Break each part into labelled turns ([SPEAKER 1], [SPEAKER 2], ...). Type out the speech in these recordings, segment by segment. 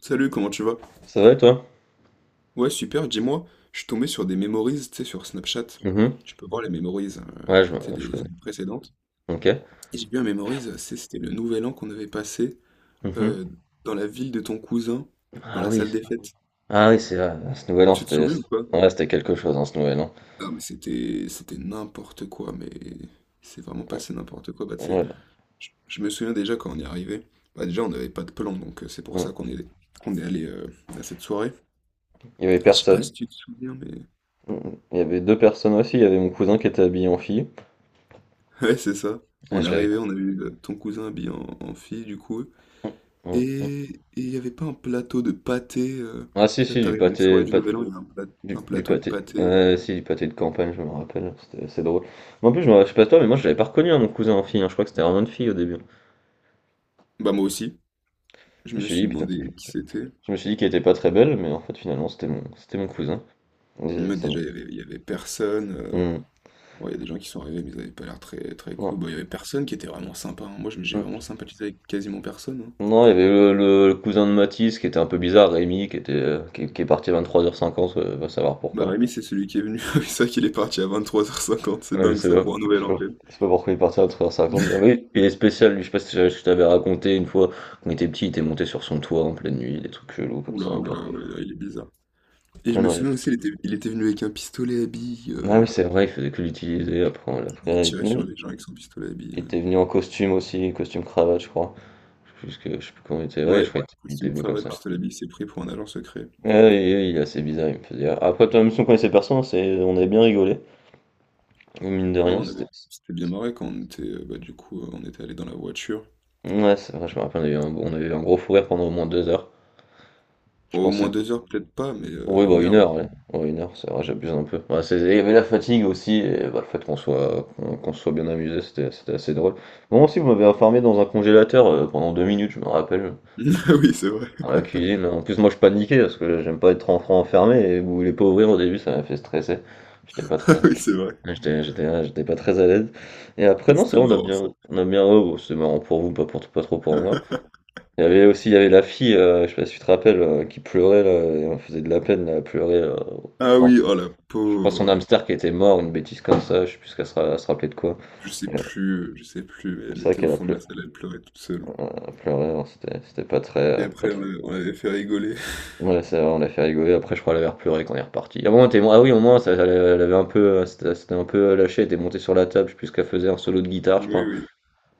[SPEAKER 1] Salut, comment tu vas?
[SPEAKER 2] Ça va et toi?
[SPEAKER 1] Ouais, super, dis-moi, je suis tombé sur des memories, tu sais, sur Snapchat.
[SPEAKER 2] Mmh.
[SPEAKER 1] Tu peux voir les memories,
[SPEAKER 2] Ouais, je
[SPEAKER 1] tu sais,
[SPEAKER 2] je
[SPEAKER 1] des
[SPEAKER 2] connais.
[SPEAKER 1] années précédentes.
[SPEAKER 2] OK.
[SPEAKER 1] Et j'ai vu un memories, c'était le nouvel an qu'on avait passé
[SPEAKER 2] Mmh.
[SPEAKER 1] euh, dans la ville de ton cousin, dans
[SPEAKER 2] Ah
[SPEAKER 1] la
[SPEAKER 2] oui,
[SPEAKER 1] salle
[SPEAKER 2] c'est
[SPEAKER 1] des fêtes.
[SPEAKER 2] ah oui, c'est vrai, ce Nouvel An,
[SPEAKER 1] Tu te
[SPEAKER 2] c'était,
[SPEAKER 1] souviens ou pas?
[SPEAKER 2] ouais, c'était quelque chose, hein, ce Nouvel An.
[SPEAKER 1] Ah, mais c'était n'importe quoi, mais c'est vraiment passé n'importe quoi. Bah, tu sais,
[SPEAKER 2] Ouais,
[SPEAKER 1] je me souviens déjà quand on est arrivé. Bah, déjà, on n'avait pas de plan, donc c'est pour ça
[SPEAKER 2] mmh.
[SPEAKER 1] qu'on est allé à cette soirée.
[SPEAKER 2] Il y avait
[SPEAKER 1] Et je sais pas
[SPEAKER 2] personne.
[SPEAKER 1] si tu te souviens, mais.
[SPEAKER 2] Mmh. Il y avait 2 personnes aussi, il y avait mon cousin qui était habillé en fille.
[SPEAKER 1] Ouais, c'est ça.
[SPEAKER 2] Ah,
[SPEAKER 1] On est
[SPEAKER 2] je l'avais.
[SPEAKER 1] arrivé, on a vu ton cousin habillé en fille, du coup.
[SPEAKER 2] Mmh, mmh, mmh.
[SPEAKER 1] Et et il n'y avait pas un plateau de pâté.
[SPEAKER 2] Ah si,
[SPEAKER 1] Là,
[SPEAKER 2] si, du
[SPEAKER 1] t'arrives à une
[SPEAKER 2] pâté
[SPEAKER 1] soirée
[SPEAKER 2] du
[SPEAKER 1] du
[SPEAKER 2] pâ
[SPEAKER 1] Nouvel An, il y a
[SPEAKER 2] du
[SPEAKER 1] un
[SPEAKER 2] du
[SPEAKER 1] plateau de
[SPEAKER 2] pâté
[SPEAKER 1] pâté.
[SPEAKER 2] ouais, si, du pâté de campagne, je me rappelle, c'était assez drôle. Mais en plus, je sais pas toi, mais moi, je l'avais pas reconnu, hein, mon cousin en fille, hein, je crois que c'était vraiment une fille au début.
[SPEAKER 1] Bah, moi aussi.
[SPEAKER 2] Je
[SPEAKER 1] Je
[SPEAKER 2] me
[SPEAKER 1] me
[SPEAKER 2] suis
[SPEAKER 1] suis
[SPEAKER 2] dit: «Putain»,
[SPEAKER 1] demandé qui c'était.
[SPEAKER 2] je me suis dit qu'elle était pas très belle, mais en fait, finalement, c'était mon cousin. Et
[SPEAKER 1] Mais
[SPEAKER 2] ça m'a.
[SPEAKER 1] déjà, il y avait personne.
[SPEAKER 2] Mmh.
[SPEAKER 1] Bon, il y a des gens qui sont arrivés, mais ils n'avaient pas l'air très, très
[SPEAKER 2] Non.
[SPEAKER 1] cool. Bon, il y avait personne qui était vraiment sympa, hein. Moi, j'ai
[SPEAKER 2] Mmh.
[SPEAKER 1] vraiment sympathisé avec quasiment personne, hein.
[SPEAKER 2] Non, il y avait le cousin de Mathis qui était un peu bizarre, Rémi, qui est parti à 23h50, va savoir
[SPEAKER 1] Bah,
[SPEAKER 2] pourquoi.
[SPEAKER 1] Rémi, c'est celui qui est venu. C'est ça qu'il est parti à 23h50. C'est
[SPEAKER 2] Ouais,
[SPEAKER 1] dingue, ça, pour un
[SPEAKER 2] je
[SPEAKER 1] nouvel
[SPEAKER 2] sais
[SPEAKER 1] an,
[SPEAKER 2] pas,
[SPEAKER 1] quand même.
[SPEAKER 2] je sais pas pourquoi il est parti à 23h50. Mais oui, il est spécial, lui, je sais pas si je t'avais raconté une fois, quand il était petit, il était monté sur son toit en pleine nuit, des trucs chelous comme ça
[SPEAKER 1] Oula,
[SPEAKER 2] un peu.
[SPEAKER 1] oula, ouais, là, il est bizarre. Et
[SPEAKER 2] Ah
[SPEAKER 1] je me
[SPEAKER 2] non, il-
[SPEAKER 1] souviens aussi, il était venu avec un pistolet à billes.
[SPEAKER 2] ah oui, c'est vrai, il faisait que l'utiliser après.
[SPEAKER 1] Il
[SPEAKER 2] Après, il
[SPEAKER 1] tirait
[SPEAKER 2] oui,
[SPEAKER 1] sur les gens avec son pistolet à billes.
[SPEAKER 2] il
[SPEAKER 1] euh.
[SPEAKER 2] était venu en costume aussi, costume cravate, je crois. Je sais plus comment il était, ouais, je
[SPEAKER 1] Ouais,
[SPEAKER 2] crois qu'il
[SPEAKER 1] c'était
[SPEAKER 2] était
[SPEAKER 1] une
[SPEAKER 2] venu
[SPEAKER 1] frère
[SPEAKER 2] comme
[SPEAKER 1] de
[SPEAKER 2] ça.
[SPEAKER 1] pistolet à billes, c'est pris pour un agent secret.
[SPEAKER 2] Ah oui, oui, oui, il est assez bizarre, il me faisait. Après, toi, même si on connaissait personne, on avait bien rigolé. Et mine de
[SPEAKER 1] Ouais,
[SPEAKER 2] rien,
[SPEAKER 1] on avait...
[SPEAKER 2] c'était.
[SPEAKER 1] C'était bien marré quand on était, bah, du coup, on était allé dans la voiture.
[SPEAKER 2] Ouais, c'est vrai, je me rappelle, on avait eu un gros fou rire pendant au moins 2 heures. Je
[SPEAKER 1] Au
[SPEAKER 2] pensais.
[SPEAKER 1] moins 2 heures, peut-être pas, mais
[SPEAKER 2] Oui, bah
[SPEAKER 1] une
[SPEAKER 2] une
[SPEAKER 1] heure, ouais.
[SPEAKER 2] heure, ouais. Ouais, une heure, c'est vrai, j'abuse un peu. Ouais, il y avait la fatigue aussi, et bah, le fait qu'on se soit bien amusé, c'était assez drôle. Bon, aussi, vous m'avez enfermé dans un congélateur pendant 2 minutes, je me rappelle,
[SPEAKER 1] Ah oui, c'est vrai.
[SPEAKER 2] dans la cuisine. En plus, moi, je paniquais parce que j'aime pas être enfant enfermé, et vous voulez pas ouvrir au début, ça m'a fait stresser. J'étais pas
[SPEAKER 1] Ah
[SPEAKER 2] très.
[SPEAKER 1] oui, c'est vrai.
[SPEAKER 2] Ouais, J'étais j'étais ouais, j'étais pas très à l'aise. Et après, non, c'est
[SPEAKER 1] C'était
[SPEAKER 2] vrai,
[SPEAKER 1] marrant, ça.
[SPEAKER 2] on a bien oh, c'est marrant pour vous, pas trop pour moi. Il y avait la fille, je sais pas si tu te rappelles, qui pleurait là et on faisait de la peine, là, elle pleurait,
[SPEAKER 1] Ah
[SPEAKER 2] enfin,
[SPEAKER 1] oui, oh la
[SPEAKER 2] je crois son
[SPEAKER 1] pauvre.
[SPEAKER 2] hamster qui était mort, une bêtise comme ça, je sais plus ce qu'elle se ra elle se rappelait de quoi. Et
[SPEAKER 1] Je sais plus, mais elle
[SPEAKER 2] c'est vrai
[SPEAKER 1] était au
[SPEAKER 2] qu'elle a
[SPEAKER 1] fond de la
[SPEAKER 2] pleu
[SPEAKER 1] salle, elle pleurait toute seule.
[SPEAKER 2] elle pleurait, alors c'était pas
[SPEAKER 1] Et
[SPEAKER 2] très, pas
[SPEAKER 1] après,
[SPEAKER 2] très.
[SPEAKER 1] on l'avait fait rigoler.
[SPEAKER 2] Ouais, c'est vrai, on l'a fait rigoler, après je crois elle avait pleuré quand on est reparti. Ah bon, elle était ah oui, au moins ça, elle avait un peu, elle s'était un peu lâché. Elle était montée sur la table, je sais plus ce qu'elle faisait, un solo de guitare, je
[SPEAKER 1] Oui,
[SPEAKER 2] crois.
[SPEAKER 1] oui.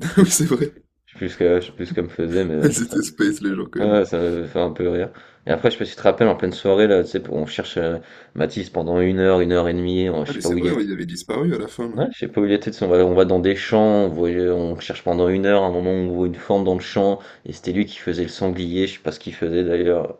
[SPEAKER 2] Je
[SPEAKER 1] Oui,
[SPEAKER 2] Je
[SPEAKER 1] c'est vrai.
[SPEAKER 2] sais plus ce que je sais plus ce qu'elle me faisait, mais ça,
[SPEAKER 1] C'était space, les gens, quand même.
[SPEAKER 2] ouais, ça m'avait fait un peu rire. Et après, je sais pas si tu te rappelles, en pleine soirée, là, tu sais, on cherche, Mathis pendant une heure et demie, on je
[SPEAKER 1] Ah
[SPEAKER 2] sais
[SPEAKER 1] mais
[SPEAKER 2] pas
[SPEAKER 1] c'est
[SPEAKER 2] où il
[SPEAKER 1] vrai,
[SPEAKER 2] est.
[SPEAKER 1] ouais, il avait disparu à la fin là.
[SPEAKER 2] Ouais, je sais pas où il était, tu sais, on va dans des champs, on cherche pendant une heure, à un moment, on voit une forme dans le champ et c'était lui qui faisait le sanglier, je sais pas ce qu'il faisait d'ailleurs,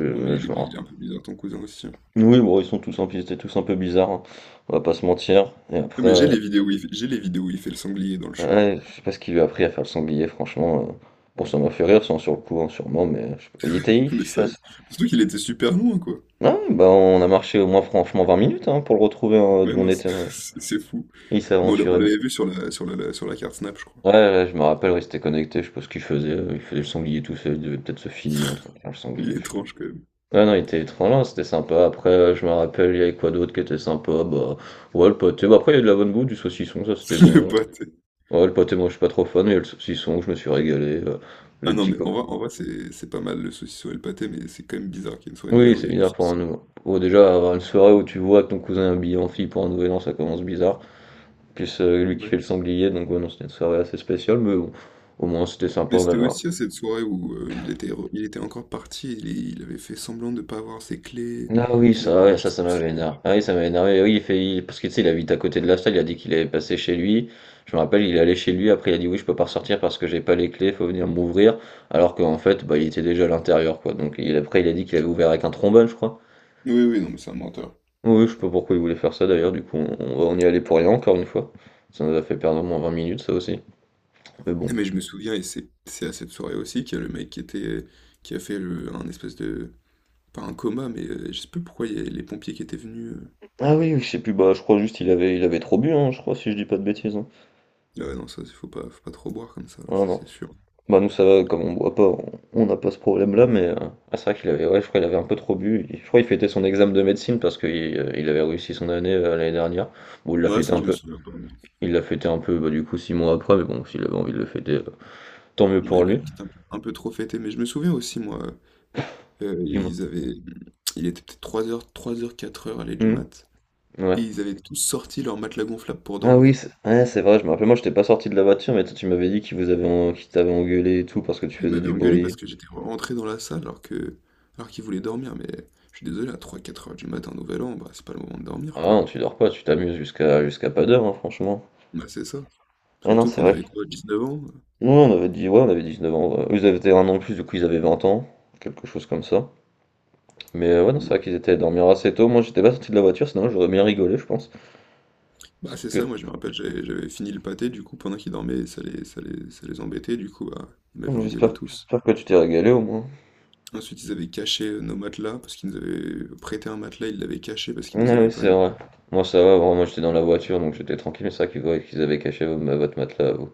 [SPEAKER 1] Non mais il
[SPEAKER 2] je
[SPEAKER 1] est,
[SPEAKER 2] me ran.
[SPEAKER 1] il est un peu bizarre ton cousin aussi, hein.
[SPEAKER 2] Oui, bon, ils étaient tous un peu bizarres, hein, on va pas se mentir et
[SPEAKER 1] Ah,
[SPEAKER 2] après,
[SPEAKER 1] mais j'ai les vidéos où il fait le sanglier dans le champ.
[SPEAKER 2] ouais, je sais pas ce qu'il lui a appris à faire le sanglier franchement, bon, ça m'a fait rire, sans sur le coup, hein, sûrement, mais je sais pas, il était.
[SPEAKER 1] Mais ça, surtout qu'il était super loin quoi.
[SPEAKER 2] Ah ouais, bah, on a marché au moins franchement 20 minutes, hein, pour le retrouver, hein,
[SPEAKER 1] Mais
[SPEAKER 2] d'où on
[SPEAKER 1] non, c'est
[SPEAKER 2] était, ouais.
[SPEAKER 1] c'est fou.
[SPEAKER 2] Il
[SPEAKER 1] Mais on
[SPEAKER 2] s'aventurait bien.
[SPEAKER 1] l'avait vu sur la, sur la carte Snap, je crois.
[SPEAKER 2] Ouais, ouais, je me rappelle, ouais, il s'était connecté, je sais pas ce qu'il faisait, il faisait le sanglier tout seul, il devait peut-être se filmer en train de faire le
[SPEAKER 1] Il
[SPEAKER 2] sanglier,
[SPEAKER 1] est
[SPEAKER 2] je sais pas.
[SPEAKER 1] étrange quand même.
[SPEAKER 2] Ouais, non, il était étrange, hein, c'était sympa. Après, je me rappelle, il y avait quoi d'autre qui était sympa? Bah, ouais, le pâté, bah, après il y a de la bonne bouffe, du saucisson, ça c'était
[SPEAKER 1] Le
[SPEAKER 2] bon.
[SPEAKER 1] pâté.
[SPEAKER 2] Ouais, le pâté, moi, je suis pas trop fan, mais il y a le saucisson, je me suis régalé,
[SPEAKER 1] Ah
[SPEAKER 2] les
[SPEAKER 1] non
[SPEAKER 2] petits
[SPEAKER 1] mais
[SPEAKER 2] co.
[SPEAKER 1] en vrai c'est pas mal le saucisson et le pâté, mais c'est quand même bizarre qu'il y ait une soirée de Nouvel
[SPEAKER 2] Oui,
[SPEAKER 1] An, il
[SPEAKER 2] c'est
[SPEAKER 1] y ait du
[SPEAKER 2] bizarre pour un
[SPEAKER 1] saucisson. Et
[SPEAKER 2] nouveau ouais, déjà, avoir une soirée où tu vois que ton cousin est habillé en fille pour un nouvel an, ça commence bizarre. Plus lui qui fait
[SPEAKER 1] Ouais.
[SPEAKER 2] le sanglier, donc ouais, non, c'était une soirée assez spéciale, mais bon, au moins c'était sympa,
[SPEAKER 1] Mais
[SPEAKER 2] on
[SPEAKER 1] c'était
[SPEAKER 2] avait un-.
[SPEAKER 1] aussi à cette soirée où il était encore parti, il avait fait semblant de ne pas avoir ses clés,
[SPEAKER 2] Ah oui,
[SPEAKER 1] qu'il avait,
[SPEAKER 2] ça, ouais,
[SPEAKER 1] je
[SPEAKER 2] ça,
[SPEAKER 1] sais
[SPEAKER 2] ça
[SPEAKER 1] plus ce
[SPEAKER 2] m'avait énervé.
[SPEAKER 1] qu'il
[SPEAKER 2] Ah oui, ça m'avait énervé. Oui, parce que tu sais, il habite à côté de la salle, il a dit qu'il avait passé chez lui. Je me rappelle, il est allé chez lui, après il a dit oui, je peux pas ressortir parce que j'ai pas les clés, faut venir m'ouvrir. Alors qu'en fait, bah, il était déjà à l'intérieur, quoi. Donc il, après, il a dit qu'il avait ouvert avec un trombone, je crois.
[SPEAKER 1] Oui, oui, non, mais c'est un menteur.
[SPEAKER 2] Oui, je sais pas pourquoi il voulait faire ça d'ailleurs, du coup, on y allait pour rien encore une fois. Ça nous a fait perdre au moins 20 minutes, ça aussi. Mais bon.
[SPEAKER 1] Mais je me souviens, et c'est à cette soirée aussi, qu'il y a le mec qui était, qui a fait un espèce de, pas un coma, mais je sais plus pourquoi il y a les pompiers qui étaient venus.
[SPEAKER 2] Ah oui, oui, je sais plus, bah, je crois juste il avait trop bu, hein, je crois, si je dis pas de bêtises, hein.
[SPEAKER 1] Ah ouais, non, ça, faut pas trop boire comme ça,
[SPEAKER 2] Non, non.
[SPEAKER 1] c'est sûr.
[SPEAKER 2] Bah, nous, ça va, comme on boit pas, on n'a pas ce problème-là, mais ah, c'est vrai qu'il avait, ouais, je crois qu'il avait un peu trop bu. Je crois qu'il fêtait son examen de médecine parce qu'il il avait réussi son année l'année dernière. Bon,
[SPEAKER 1] Ouais, ça, je me souviens pas, non.
[SPEAKER 2] il l'a fêté un peu, bah, du coup, 6 mois après, mais bon, s'il avait envie de le fêter, tant mieux
[SPEAKER 1] Ouais,
[SPEAKER 2] pour
[SPEAKER 1] il a
[SPEAKER 2] lui.
[SPEAKER 1] peut-être un peu trop fêté, mais je me souviens aussi, moi,
[SPEAKER 2] Dis-moi.
[SPEAKER 1] ils avaient, il était peut-être trois heures quatre heures à l'aller du
[SPEAKER 2] Mhm,
[SPEAKER 1] mat,
[SPEAKER 2] ouais.
[SPEAKER 1] et ils avaient tous sorti leur matelas gonflable pour
[SPEAKER 2] Ah oui,
[SPEAKER 1] dormir.
[SPEAKER 2] c'est, ouais, c'est vrai, je me rappelle, moi, j'étais pas sorti de la voiture, mais toi, tu m'avais dit qu'il vous avait, en- qu'il t'avait engueulé et tout parce que tu
[SPEAKER 1] Il
[SPEAKER 2] faisais
[SPEAKER 1] m'avait
[SPEAKER 2] du
[SPEAKER 1] engueulé
[SPEAKER 2] bruit.
[SPEAKER 1] parce que j'étais rentré dans la salle alors qu'il voulait dormir, mais je suis désolé, à trois quatre heures du matin, Nouvel An, bah, c'est pas le moment de
[SPEAKER 2] Ah
[SPEAKER 1] dormir, quoi.
[SPEAKER 2] non, tu dors pas, tu t'amuses jusqu'à pas d'heure, hein, franchement.
[SPEAKER 1] Bah, c'est ça.
[SPEAKER 2] Ah non,
[SPEAKER 1] Surtout
[SPEAKER 2] c'est
[SPEAKER 1] qu'on
[SPEAKER 2] vrai.
[SPEAKER 1] avait quoi, 19 ans?
[SPEAKER 2] Non, on avait dit, ouais, on avait 19 ans. Ouais. Eux, ils avaient un an de plus, du coup, ils avaient 20 ans, quelque chose comme ça. Mais ouais, non, c'est vrai
[SPEAKER 1] Voilà.
[SPEAKER 2] qu'ils étaient à dormir assez tôt. Moi, j'étais pas sorti de la voiture, sinon j'aurais bien rigolé, je pense.
[SPEAKER 1] Bah,
[SPEAKER 2] Parce
[SPEAKER 1] c'est
[SPEAKER 2] que
[SPEAKER 1] ça, moi je me rappelle, j'avais fini le pâté, du coup, pendant qu'ils dormaient, ça les embêtait, du coup, bah, ils m'avaient engueulé
[SPEAKER 2] j'espère
[SPEAKER 1] tous.
[SPEAKER 2] j'espère que tu t'es régalé au moins.
[SPEAKER 1] Ensuite, ils avaient caché nos matelas, parce qu'ils nous avaient prêté un matelas, ils l'avaient caché parce qu'ils nous
[SPEAKER 2] Ah
[SPEAKER 1] aimaient
[SPEAKER 2] oui,
[SPEAKER 1] pas,
[SPEAKER 2] c'est
[SPEAKER 1] du
[SPEAKER 2] vrai.
[SPEAKER 1] coup.
[SPEAKER 2] Moi, ça va, vraiment, moi, j'étais dans la voiture, donc j'étais tranquille, mais c'est vrai qu'ils voyaient qu'ils avaient caché votre matelas à vous.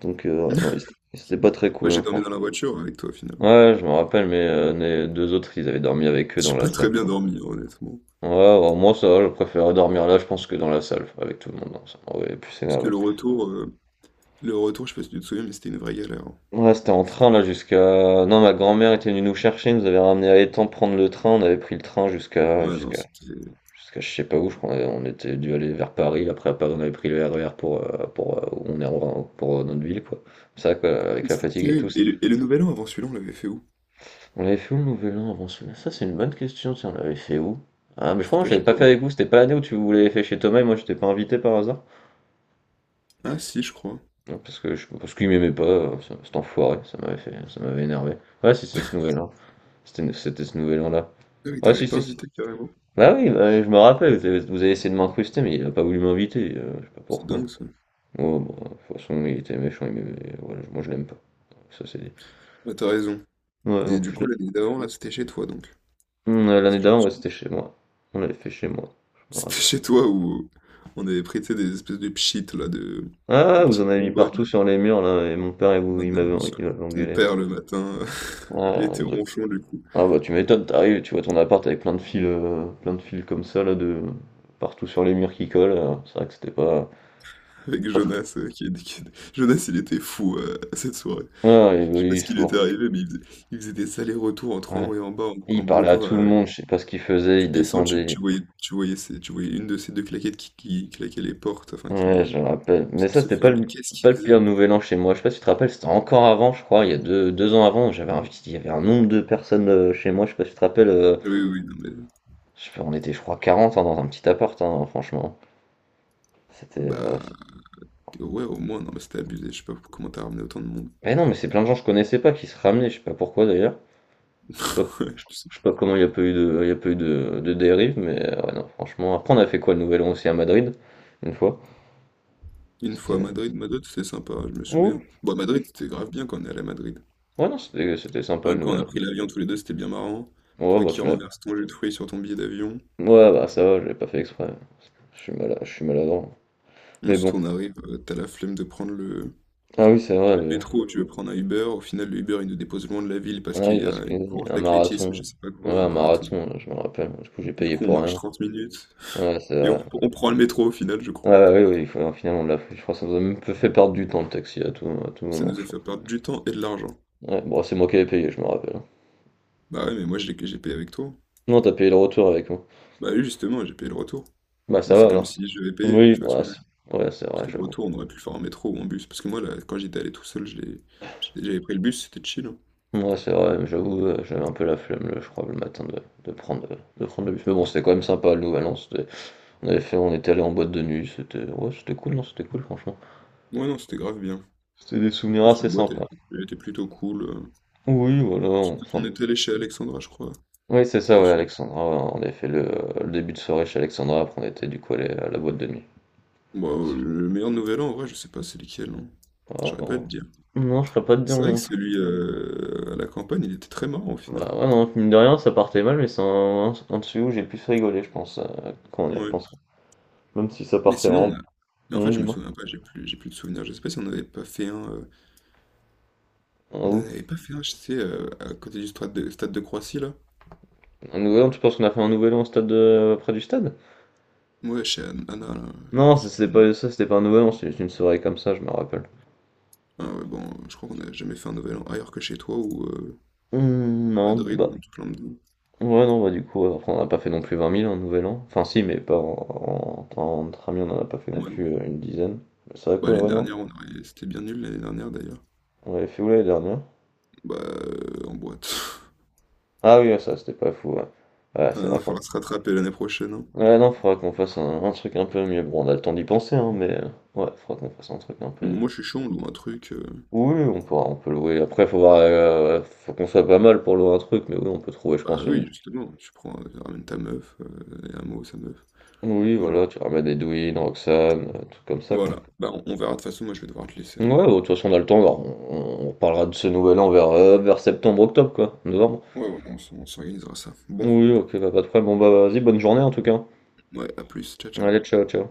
[SPEAKER 2] Donc, ouais, non,
[SPEAKER 1] C'est
[SPEAKER 2] c'était pas
[SPEAKER 1] marrant.
[SPEAKER 2] très
[SPEAKER 1] Moi,
[SPEAKER 2] cool,
[SPEAKER 1] j'ai
[SPEAKER 2] hein,
[SPEAKER 1] dormi
[SPEAKER 2] franchement.
[SPEAKER 1] dans la voiture avec toi, finalement.
[SPEAKER 2] Ouais, je me rappelle, mais les deux autres, ils avaient dormi avec eux dans
[SPEAKER 1] J'ai
[SPEAKER 2] la
[SPEAKER 1] pas
[SPEAKER 2] salle.
[SPEAKER 1] très bien dormi, honnêtement.
[SPEAKER 2] Ouais, bah, moi ça va, je préfère dormir là, je pense, que dans la salle, avec tout le monde, non, ça m'aurait plus
[SPEAKER 1] Parce que
[SPEAKER 2] énervé.
[SPEAKER 1] le retour, je sais pas si tu te souviens, mais c'était une vraie galère, hein.
[SPEAKER 2] Ouais, c'était en train là jusqu'à. Non, ma grand-mère était venue nous chercher, nous avait ramené à l'étang prendre le train, on avait pris le train jusqu'à.
[SPEAKER 1] Ouais, non,
[SPEAKER 2] jusqu'à.
[SPEAKER 1] c'était
[SPEAKER 2] jusqu'à je sais pas où, je crois, on était dû aller vers Paris, après à Paris on avait pris le RER pour. Pour où on est en- pour notre ville, quoi. Ça, quoi, avec la
[SPEAKER 1] c'était
[SPEAKER 2] fatigue et tout.
[SPEAKER 1] terrible. Et le nouvel an avant celui-là, on l'avait fait où?
[SPEAKER 2] On l'avait fait où le Nouvel An avant celui-là? Ça, c'est une bonne question, tiens, on l'avait fait où? Ah, mais je
[SPEAKER 1] C'était
[SPEAKER 2] crois que
[SPEAKER 1] pas
[SPEAKER 2] je
[SPEAKER 1] chez
[SPEAKER 2] l'avais pas
[SPEAKER 1] toi?
[SPEAKER 2] fait avec vous, c'était pas l'année où tu vous l'avez fait chez Thomas et moi j'étais pas invité par hasard?
[SPEAKER 1] Ah, si, je crois.
[SPEAKER 2] Non, parce que je parce qu'il m'aimait pas, cet enfoiré, ça m'avait énervé. Ouais, si, c'est ce nouvel an. C'était ce nouvel an-là.
[SPEAKER 1] Ah oui,
[SPEAKER 2] Ouais,
[SPEAKER 1] t'avais
[SPEAKER 2] si,
[SPEAKER 1] pas
[SPEAKER 2] si, si.
[SPEAKER 1] invité carrément.
[SPEAKER 2] Bah oui, bah, je me rappelle, vous avez essayé de m'incruster, mais il a pas voulu m'inviter, je sais pas
[SPEAKER 1] C'est
[SPEAKER 2] pourquoi.
[SPEAKER 1] dingue ça.
[SPEAKER 2] Oh, bon, de toute façon, il était méchant, il m'aimait, voilà, moi je l'aime pas. Ça c'est dit.
[SPEAKER 1] Ah, t'as raison.
[SPEAKER 2] Ouais,
[SPEAKER 1] Et
[SPEAKER 2] en
[SPEAKER 1] du
[SPEAKER 2] plus,
[SPEAKER 1] coup, l'année d'avant, là, c'était chez toi donc.
[SPEAKER 2] on,
[SPEAKER 1] Parce
[SPEAKER 2] l'année
[SPEAKER 1] que je me
[SPEAKER 2] d'avant, ouais,
[SPEAKER 1] souviens.
[SPEAKER 2] c'était chez moi. On l'avait fait chez moi, je me
[SPEAKER 1] C'était
[SPEAKER 2] rappelle.
[SPEAKER 1] chez toi où on avait pris, tu sais, des espèces de pchites, là, de... des
[SPEAKER 2] Ah, vous en
[SPEAKER 1] petites
[SPEAKER 2] avez mis
[SPEAKER 1] bonbonnes,
[SPEAKER 2] partout
[SPEAKER 1] là.
[SPEAKER 2] sur les murs, là, et mon père, il
[SPEAKER 1] On avait
[SPEAKER 2] m'avait
[SPEAKER 1] mis sur
[SPEAKER 2] il m'avait
[SPEAKER 1] ton
[SPEAKER 2] engueulé.
[SPEAKER 1] père le matin, il
[SPEAKER 2] Ah,
[SPEAKER 1] était
[SPEAKER 2] il doit.
[SPEAKER 1] ronchon du coup,
[SPEAKER 2] Ah bah tu m'étonnes, t'arrives, tu vois ton appart avec plein de fils comme ça là de partout sur les murs qui collent. C'est vrai que c'était pas
[SPEAKER 1] avec
[SPEAKER 2] pas très.
[SPEAKER 1] Jonas, qui Jonas, il était fou, à cette soirée.
[SPEAKER 2] Ah et
[SPEAKER 1] Je sais pas
[SPEAKER 2] oui,
[SPEAKER 1] ce qui lui était
[SPEAKER 2] toujours.
[SPEAKER 1] arrivé, mais il faisait des allers-retours entre en
[SPEAKER 2] Ouais.
[SPEAKER 1] haut et en bas en
[SPEAKER 2] Il parlait à
[SPEAKER 1] bloquant.
[SPEAKER 2] tout le monde, je sais pas ce qu'il faisait,
[SPEAKER 1] Tu
[SPEAKER 2] il
[SPEAKER 1] descends, tu,
[SPEAKER 2] descendait.
[SPEAKER 1] tu voyais, tu voyais une de ces deux claquettes qui claquait les portes, enfin
[SPEAKER 2] Ouais, je me rappelle. Mais
[SPEAKER 1] qui
[SPEAKER 2] ça
[SPEAKER 1] se
[SPEAKER 2] c'était pas
[SPEAKER 1] fermait.
[SPEAKER 2] le
[SPEAKER 1] Qu'est-ce qu'il
[SPEAKER 2] pas le pire
[SPEAKER 1] faisait?
[SPEAKER 2] nouvel an chez moi. Je sais pas si tu te rappelles, c'était encore avant, je crois, il y a deux ans avant, il y avait un nombre de personnes chez moi. Je sais pas si tu te rappelles. euh,
[SPEAKER 1] Ah oui, oui, oui, non mais
[SPEAKER 2] je sais pas, on était je crois 40 hein, dans un petit appart, hein, franchement. C'était. euh,
[SPEAKER 1] bah ouais, au moins non mais c'était abusé. Je sais pas comment t'as ramené autant de monde.
[SPEAKER 2] Mais non, mais c'est plein de gens que je connaissais pas qui se ramenaient, je sais pas pourquoi d'ailleurs. Je sais pas
[SPEAKER 1] Ouais, tu sais
[SPEAKER 2] Je sais pas
[SPEAKER 1] pourquoi.
[SPEAKER 2] comment il n'y a pas eu de, il y a pas eu de dérive, mais ouais, non, franchement. Après, on a fait quoi le Nouvel An aussi à Madrid, une fois.
[SPEAKER 1] Une fois à
[SPEAKER 2] C'était.
[SPEAKER 1] Madrid, Madrid c'était sympa, je me
[SPEAKER 2] Ouais,
[SPEAKER 1] souviens. Bon, à Madrid c'était grave bien quand on est allé à Madrid.
[SPEAKER 2] ouais, non, c'était sympa le
[SPEAKER 1] Hein, quand on
[SPEAKER 2] Nouvel
[SPEAKER 1] a
[SPEAKER 2] An.
[SPEAKER 1] pris l'avion tous les deux, c'était bien marrant.
[SPEAKER 2] Ouais,
[SPEAKER 1] Toi
[SPEAKER 2] bah,
[SPEAKER 1] qui
[SPEAKER 2] tu m'as.
[SPEAKER 1] renverses ton jus de fruits sur ton billet d'avion.
[SPEAKER 2] Ouais, bah, ça va, je l'ai pas fait exprès. Je suis malade, je suis maladroit. Mais
[SPEAKER 1] Ensuite,
[SPEAKER 2] bon.
[SPEAKER 1] on arrive, t'as la flemme de prendre le,
[SPEAKER 2] Ah oui, c'est vrai,
[SPEAKER 1] Le métro, tu veux prendre un Uber, au final le Uber il nous dépose loin de la ville parce
[SPEAKER 2] on
[SPEAKER 1] qu'il
[SPEAKER 2] arrive
[SPEAKER 1] y
[SPEAKER 2] parce
[SPEAKER 1] a une
[SPEAKER 2] qu'il y
[SPEAKER 1] course
[SPEAKER 2] a un
[SPEAKER 1] d'athlétisme,
[SPEAKER 2] marathon.
[SPEAKER 1] je sais pas
[SPEAKER 2] Ouais,
[SPEAKER 1] quoi, un
[SPEAKER 2] un
[SPEAKER 1] marathon.
[SPEAKER 2] marathon, je me rappelle. Du coup, j'ai
[SPEAKER 1] Du
[SPEAKER 2] payé
[SPEAKER 1] coup on
[SPEAKER 2] pour
[SPEAKER 1] marche
[SPEAKER 2] rien.
[SPEAKER 1] 30 minutes
[SPEAKER 2] Ouais, c'est
[SPEAKER 1] et on,
[SPEAKER 2] vrai.
[SPEAKER 1] on prend le métro au final je
[SPEAKER 2] Ouais,
[SPEAKER 1] crois.
[SPEAKER 2] ouais, oui, oui, finalement, on l'a fait. Je crois que ça nous a même fait perdre du temps le taxi à tout
[SPEAKER 1] Ça
[SPEAKER 2] moment,
[SPEAKER 1] nous
[SPEAKER 2] je
[SPEAKER 1] a
[SPEAKER 2] crois.
[SPEAKER 1] fait perdre du temps et de l'argent.
[SPEAKER 2] Ouais, bon, c'est moi qui avais payé, je me rappelle.
[SPEAKER 1] Bah ouais mais moi j'ai payé avec toi.
[SPEAKER 2] Non, t'as payé le retour avec moi.
[SPEAKER 1] Bah lui justement j'ai payé le retour.
[SPEAKER 2] Bah ça
[SPEAKER 1] Donc c'est
[SPEAKER 2] va
[SPEAKER 1] comme
[SPEAKER 2] alors.
[SPEAKER 1] si je vais payer,
[SPEAKER 2] Oui,
[SPEAKER 1] tu vois ce que je veux dire.
[SPEAKER 2] ouais, c'est
[SPEAKER 1] Parce
[SPEAKER 2] vrai,
[SPEAKER 1] que le
[SPEAKER 2] j'avoue.
[SPEAKER 1] retour on aurait pu le faire en métro ou en bus. Parce que moi là, quand j'étais allé tout seul, j'avais pris le bus, c'était chill, hein.
[SPEAKER 2] Ouais, c'est vrai, mais j'avoue, j'avais un peu la flemme, le je crois, le matin de prendre le bus. Mais bon, c'était quand même sympa, le Nouvel An. On avait fait, on était allé en boîte de nuit, c'était ouais, c'était cool, non, c'était cool, franchement.
[SPEAKER 1] Ouais non c'était grave bien. En
[SPEAKER 2] C'était des souvenirs
[SPEAKER 1] plus la
[SPEAKER 2] assez
[SPEAKER 1] boîte
[SPEAKER 2] sympas.
[SPEAKER 1] elle était plutôt cool.
[SPEAKER 2] Oui, voilà, on
[SPEAKER 1] On
[SPEAKER 2] s'en-
[SPEAKER 1] était allé chez Alexandra je crois.
[SPEAKER 2] Oui, c'est ça, ouais,
[SPEAKER 1] Ensuite.
[SPEAKER 2] Alexandra. Ouais, on avait fait le début de soirée chez Alexandra, après on était du coup allé à la boîte de nuit.
[SPEAKER 1] Bah,
[SPEAKER 2] Attention.
[SPEAKER 1] le meilleur nouvel an, en vrai, je sais pas c'est lequel, hein. Je
[SPEAKER 2] Oh,
[SPEAKER 1] saurais pas te
[SPEAKER 2] oh.
[SPEAKER 1] dire.
[SPEAKER 2] Non, je pourrais pas te dire
[SPEAKER 1] C'est vrai que
[SPEAKER 2] mon.
[SPEAKER 1] celui à la campagne, il était très marrant au final.
[SPEAKER 2] Bah ouais, non, mine de rien, ça partait mal, mais c'est un dessus où j'ai le plus rigolé, je pense, quand on y
[SPEAKER 1] Ouais.
[SPEAKER 2] repense. Même si ça
[SPEAKER 1] Mais
[SPEAKER 2] partait
[SPEAKER 1] sinon,
[SPEAKER 2] vraiment.
[SPEAKER 1] on a... Mais en fait, je me
[SPEAKER 2] Dis-moi.
[SPEAKER 1] souviens pas, j'ai plus de souvenirs. Je sais pas si on n'avait pas fait un...
[SPEAKER 2] En
[SPEAKER 1] On n'en
[SPEAKER 2] où?
[SPEAKER 1] avait pas fait un, je sais, à côté du stade de Croissy, là.
[SPEAKER 2] Un nouvel an, tu penses qu'on a fait un nouvel an au stade de, près du stade?
[SPEAKER 1] Ouais, chez Anna, là.
[SPEAKER 2] Non,
[SPEAKER 1] Je sais plus. Non.
[SPEAKER 2] ça, c'était pas un nouvel an, c'était juste une soirée comme ça, je me rappelle.
[SPEAKER 1] Ah ouais, bon, je crois qu'on n'a jamais fait un nouvel an ailleurs que chez toi ou à
[SPEAKER 2] Non,
[SPEAKER 1] Madrid
[SPEAKER 2] bah.
[SPEAKER 1] ou en tout plein de...
[SPEAKER 2] Ouais, non, bah du coup, après, on n'a pas fait non plus 20 000 un nouvel an. Enfin, si, mais pas entre amis, on en a pas fait
[SPEAKER 1] Ouais,
[SPEAKER 2] non plus
[SPEAKER 1] non.
[SPEAKER 2] une dizaine. C'est vrai
[SPEAKER 1] Bah,
[SPEAKER 2] quoi, ouais,
[SPEAKER 1] l'année
[SPEAKER 2] ouais, non?
[SPEAKER 1] dernière, on a... c'était bien nul l'année dernière, d'ailleurs.
[SPEAKER 2] On avait fait où l'année dernière?
[SPEAKER 1] Bah, en boîte.
[SPEAKER 2] Ah oui, ça c'était pas fou, ouais. Ouais,
[SPEAKER 1] Ah
[SPEAKER 2] c'est vrai.
[SPEAKER 1] non, faudra se rattraper l'année prochaine, hein.
[SPEAKER 2] Ouais, non, faudra qu'on fasse un truc un peu mieux. Bon, on a le temps d'y penser, hein, mais ouais, faudra qu'on fasse un truc un peu.
[SPEAKER 1] Moi, je suis chaud, on loue un truc.
[SPEAKER 2] Oui, oui, on peut louer. Après, faut voir, faut qu'on soit pas mal pour louer un truc, mais oui, on peut trouver, je
[SPEAKER 1] Bah
[SPEAKER 2] pense,
[SPEAKER 1] oui,
[SPEAKER 2] une.
[SPEAKER 1] justement, tu prends, ramène ta meuf, et un mot, sa meuf.
[SPEAKER 2] Oui,
[SPEAKER 1] Voilà.
[SPEAKER 2] voilà, tu ramènes Edwin, Roxane, tout comme ça, quoi.
[SPEAKER 1] Voilà. Bah, on verra. De toute façon, moi, je vais devoir te laisser,
[SPEAKER 2] Ouais,
[SPEAKER 1] hein.
[SPEAKER 2] bon, de toute façon, on a le temps, alors, on parlera de ce nouvel an vers septembre, octobre, quoi, novembre.
[SPEAKER 1] Ouais, voilà, on s'organisera ça. Bon,
[SPEAKER 2] Oui, ok, bah, pas de problème. Bon, bah, vas-y, bonne journée en tout cas.
[SPEAKER 1] ouais, à plus. Ciao, ciao.
[SPEAKER 2] Allez, ciao, ciao.